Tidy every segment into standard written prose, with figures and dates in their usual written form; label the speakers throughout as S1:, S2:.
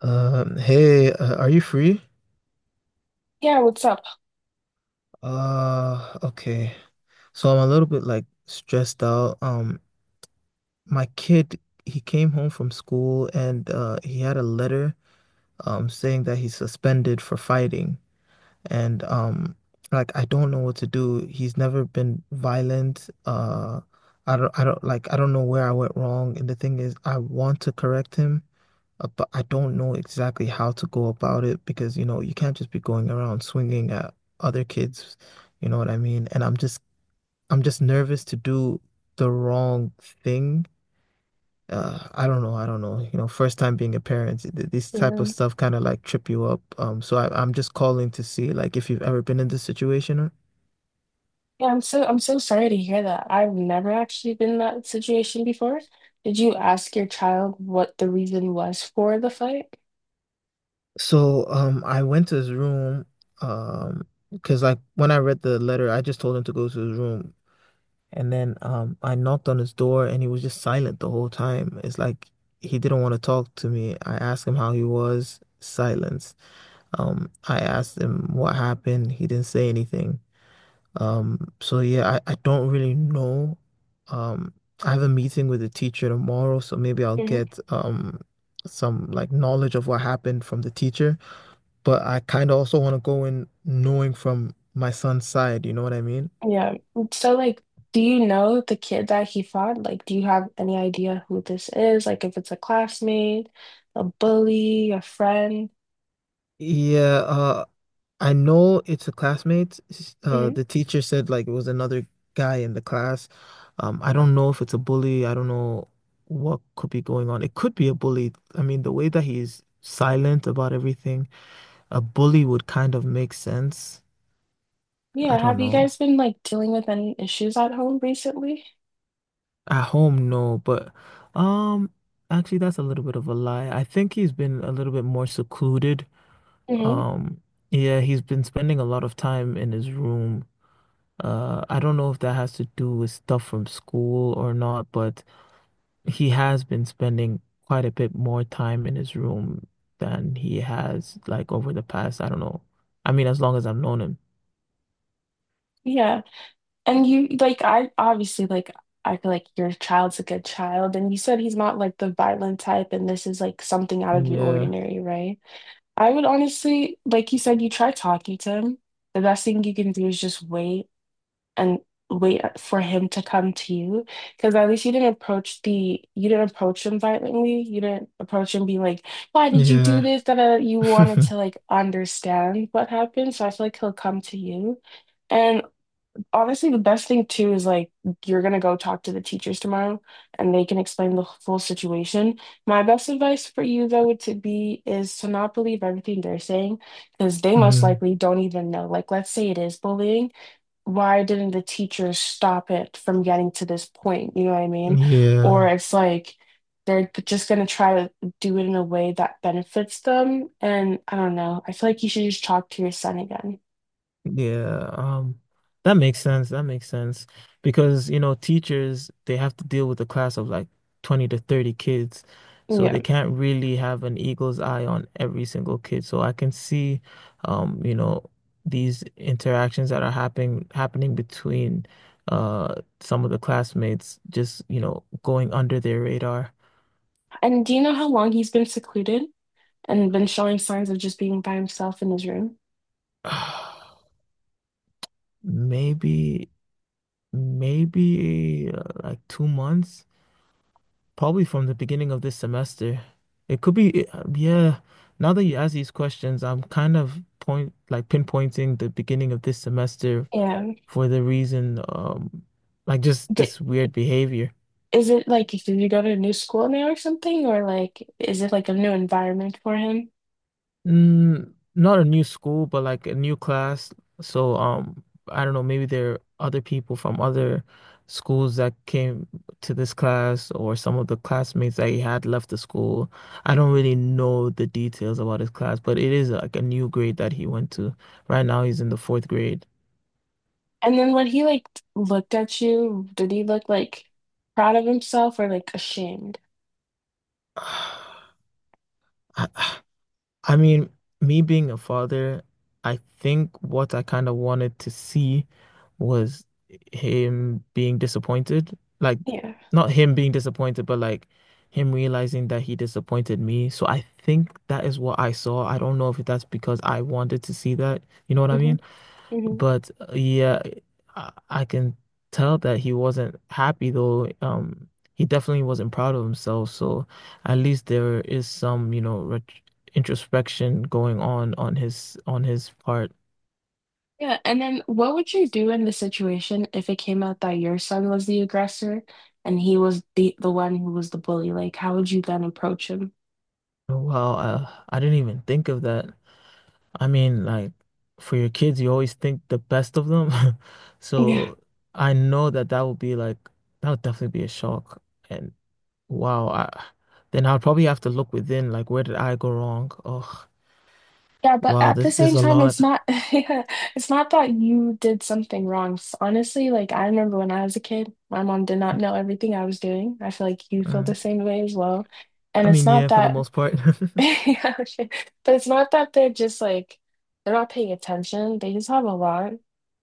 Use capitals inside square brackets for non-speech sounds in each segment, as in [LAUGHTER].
S1: Hey, are you free?
S2: Yeah, what's up?
S1: Okay. So I'm a little bit like stressed out. My kid, he came home from school and he had a letter saying that he's suspended for fighting. And like I don't know what to do. He's never been violent. I don't know where I went wrong. And the thing is I want to correct him. But I don't know exactly how to go about it because, you can't just be going around swinging at other kids, you know what I mean? And I'm just nervous to do the wrong thing. I don't know, I don't know. First time being a parent, this type of
S2: Yeah.
S1: stuff kind of like trip you up. So I'm just calling to see like if you've ever been in this situation or
S2: Yeah, I'm so sorry to hear that. I've never actually been in that situation before. Did you ask your child what the reason was for the fight?
S1: so I went to his room um because like when I read the letter I just told him to go to his room. And then I knocked on his door and he was just silent the whole time. It's like he didn't want to talk to me. I asked him how he was, silence. I asked him what happened. He didn't say anything. So yeah, I don't really know. Um, I have a meeting with the teacher tomorrow, so maybe I'll
S2: Mhm.
S1: get some like knowledge of what happened from the teacher. But I kind of also want to go in knowing from my son's side, you know what I mean?
S2: Yeah. So like, do you know the kid that he fought? Like, do you have any idea who this is? Like, if it's a classmate, a bully, a friend?
S1: Yeah, I know it's a classmate.
S2: Mhm.
S1: The teacher said like it was another guy in the class. I don't know if it's a bully. I don't know what could be going on. It could be a bully. I mean, the way that he's silent about everything, a bully would kind of make sense. I
S2: Yeah.
S1: don't
S2: Have you
S1: know.
S2: guys been like dealing with any issues at home recently?
S1: At home, no, but um, actually, that's a little bit of a lie. I think he's been a little bit more secluded.
S2: Hmm.
S1: Um, yeah, he's been spending a lot of time in his room. I don't know if that has to do with stuff from school or not, but he has been spending quite a bit more time in his room than he has like over the past, I don't know. I mean, as long as I've known him.
S2: Yeah. And you like I obviously like I feel like your child's a good child, and you said he's not like the violent type and this is like something out of the
S1: Yeah.
S2: ordinary, right? I would honestly like you said, you try talking to him. The best thing you can do is just wait and wait for him to come to you, because at least you didn't approach the you didn't approach him violently. You didn't approach him being like, "Why did you do
S1: Yeah.
S2: this?" That You wanted
S1: [LAUGHS]
S2: to like understand what happened. So I feel like he'll come to you. And honestly, the best thing too is like you're gonna go talk to the teachers tomorrow and they can explain the full situation. My best advice for you though would to be is to not believe everything they're saying, because they most
S1: Mm,
S2: likely don't even know. Like let's say it is bullying. Why didn't the teachers stop it from getting to this point? You know what I mean? Or
S1: yeah.
S2: it's like they're just gonna try to do it in a way that benefits them. And I don't know. I feel like you should just talk to your son again.
S1: Yeah, that makes sense. That makes sense because, teachers, they have to deal with a class of like 20 to 30 kids. So
S2: Yeah.
S1: they can't really have an eagle's eye on every single kid. So I can see, um, you know, these interactions that are happening between some of the classmates just, going under their radar.
S2: And do you know how long he's been secluded and been showing signs of just being by himself in his room?
S1: [SIGHS] Maybe, maybe, like 2 months. Probably from the beginning of this semester. It could be, yeah. Now that you ask these questions, I'm kind of point like pinpointing the beginning of this semester
S2: Yeah.
S1: for the reason, like just
S2: Did,
S1: this weird behavior.
S2: is it like, did you go to a new school now or something? Or like, is it like a new environment for him?
S1: Mm, not a new school, but like a new class. So, I don't know, maybe there are other people from other schools that came to this class, or some of the classmates that he had left the school. I don't really know the details about his class, but it is like a new grade that he went to. Right now, he's in the fourth grade.
S2: And then when he like looked at you, did he look like proud of himself or like ashamed?
S1: [SIGHS] I mean, me being a father, I think what I kind of wanted to see was him being disappointed. Like,
S2: Yeah.
S1: not him being disappointed, but like him realizing that he disappointed me. So I think that is what I saw. I don't know if that's because I wanted to see that. You know what I
S2: Hmm.
S1: mean?
S2: Hmm.
S1: But yeah, I can tell that he wasn't happy though. He definitely wasn't proud of himself. So at least there is some, ret introspection going on on his part.
S2: Yeah. And then what would you do in the situation if it came out that your son was the aggressor and he was the one who was the bully? Like, how would you then approach him?
S1: Wow, I didn't even think of that. I mean, like for your kids, you always think the best of them. [LAUGHS]
S2: Yeah.
S1: So I know that that would be like that would definitely be a shock. And wow, I then I'd probably have to look within, like where did I go wrong? Oh.
S2: Yeah, but
S1: Wow,
S2: at the
S1: there's
S2: same
S1: a
S2: time,
S1: lot.
S2: it's not, [LAUGHS] yeah, it's not that you did something wrong. S- Honestly, like I remember when I was a kid, my mom did not know everything I was doing. I feel like you feel
S1: Uh,
S2: the same way as well. And
S1: I
S2: it's
S1: mean,
S2: not
S1: yeah, for the
S2: that.
S1: most part.
S2: [LAUGHS]
S1: [LAUGHS]
S2: Yeah, sure. But it's not that they're just like they're not paying attention. They just have a lot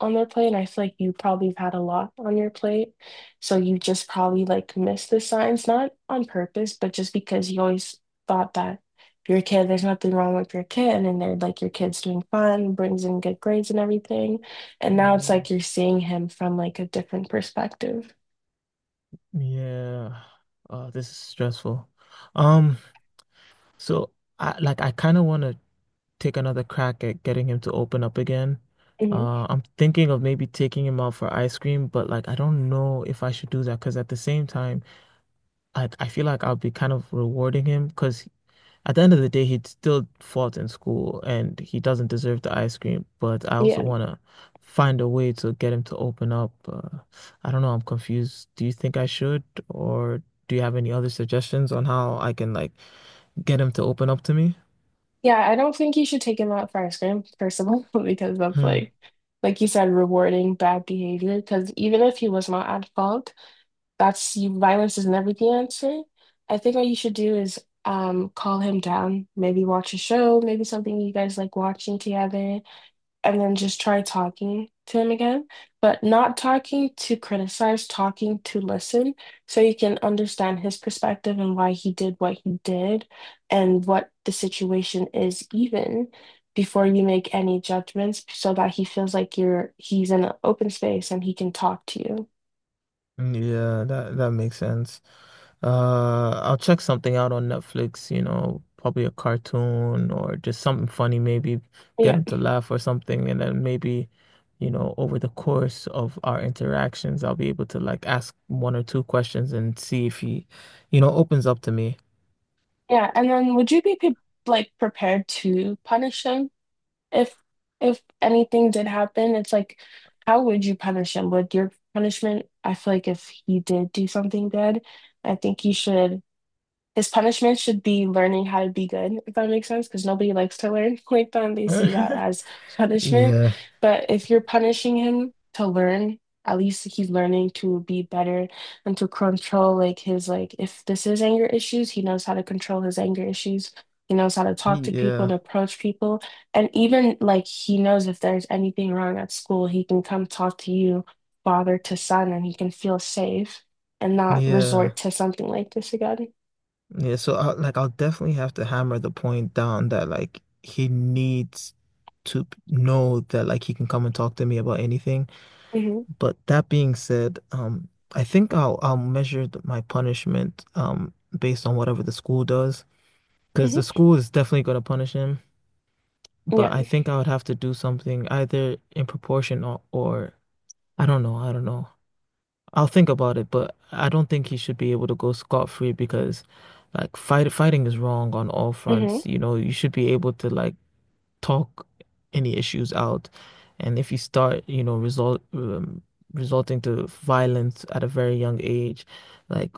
S2: on their plate, and I feel like you probably have had a lot on your plate, so you just probably like missed the signs, not on purpose, but just because you always thought that if you're a kid, there's nothing wrong with your kid, and then they're like your kid's doing fine, brings in good grades and everything, and
S1: Oh my
S2: now it's like
S1: God.
S2: you're seeing him from like a different perspective.
S1: Yeah. This is stressful. Um, so I kind of want to take another crack at getting him to open up again.
S2: Hmm.
S1: I'm thinking of maybe taking him out for ice cream, but like I don't know if I should do that because at the same time, I feel like I'll be kind of rewarding him because at the end of the day, he still fought in school and he doesn't deserve the ice cream, but I also want to find a way to get him to open up. I don't know, I'm confused. Do you think I should, or do you have any other suggestions on how I can like get him to open up to me?
S2: Yeah, I don't think you should take him out for ice cream, first of all, [LAUGHS] because that's
S1: Hmm.
S2: like you said, rewarding bad behavior. Because even if he was not at fault, that's you, violence is never the answer. I think what you should do is call him down, maybe watch a show, maybe something you guys like watching together, and then just try talking to him again, but not talking to criticize, talking to listen, so you can understand his perspective and why he did what he did and what the situation is even before you make any judgments, so that he feels like you're he's in an open space and he can talk to you.
S1: Yeah, that makes sense. I'll check something out on Netflix, probably a cartoon or just something funny, maybe get
S2: Yeah.
S1: them to laugh or something. And then maybe, over the course of our interactions, I'll be able to like ask one or two questions and see if he, opens up to me.
S2: Yeah, and then would you be pre like prepared to punish him? if if anything did happen, it's like, how would you punish him? Would your punishment, I feel like if he did do something bad, I think you should his punishment should be learning how to be good, if that makes sense, because nobody likes to learn [LAUGHS] like that and they see that
S1: [LAUGHS]
S2: as punishment.
S1: Yeah,
S2: But if you're punishing him to learn, at least he's learning to be better and to control like his like if this is anger issues, he knows how to control his anger issues. He knows how to talk to people
S1: yeah,
S2: and approach people. And even like he knows if there's anything wrong at school, he can come talk to you, father to son, and he can feel safe and not resort
S1: yeah,
S2: to something like this again.
S1: yeah. So I'll definitely have to hammer the point down that like he needs to know that like he can come and talk to me about anything.
S2: Mhm.
S1: But that being said, I think I'll measure my punishment based on whatever the school does, because the
S2: Hmm.
S1: school is definitely going to punish him.
S2: Yeah.
S1: But I think I would have to do something either in proportion or I don't know, I don't know. I'll think about it, but I don't think he should be able to go scot-free because like fighting is wrong on all
S2: Hmm.
S1: fronts. You should be able to like talk any issues out. And if you start, resulting to violence at a very young age, like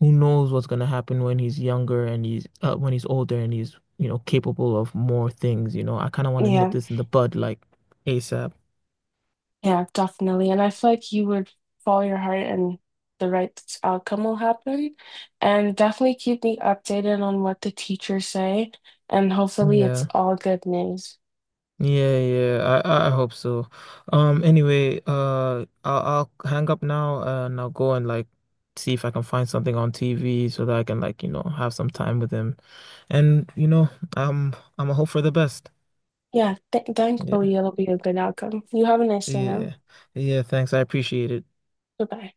S1: who knows what's going to happen when he's older and he's, you know, capable of more things. I kind of want to nip
S2: Yeah.
S1: this in the bud like ASAP.
S2: Yeah, definitely. And I feel like you would follow your heart and the right outcome will happen. And definitely keep me updated on what the teachers say. And hopefully it's
S1: Yeah.
S2: all good news.
S1: Yeah, yeah. I hope so. Anyway, I'll hang up now and I'll go and like see if I can find something on TV so that I can like, have some time with him. And I'm a hope for the best.
S2: Yeah, th
S1: Yeah.
S2: thankfully it'll be a good outcome. You have a nice day now.
S1: Yeah. Yeah, thanks. I appreciate it.
S2: Goodbye.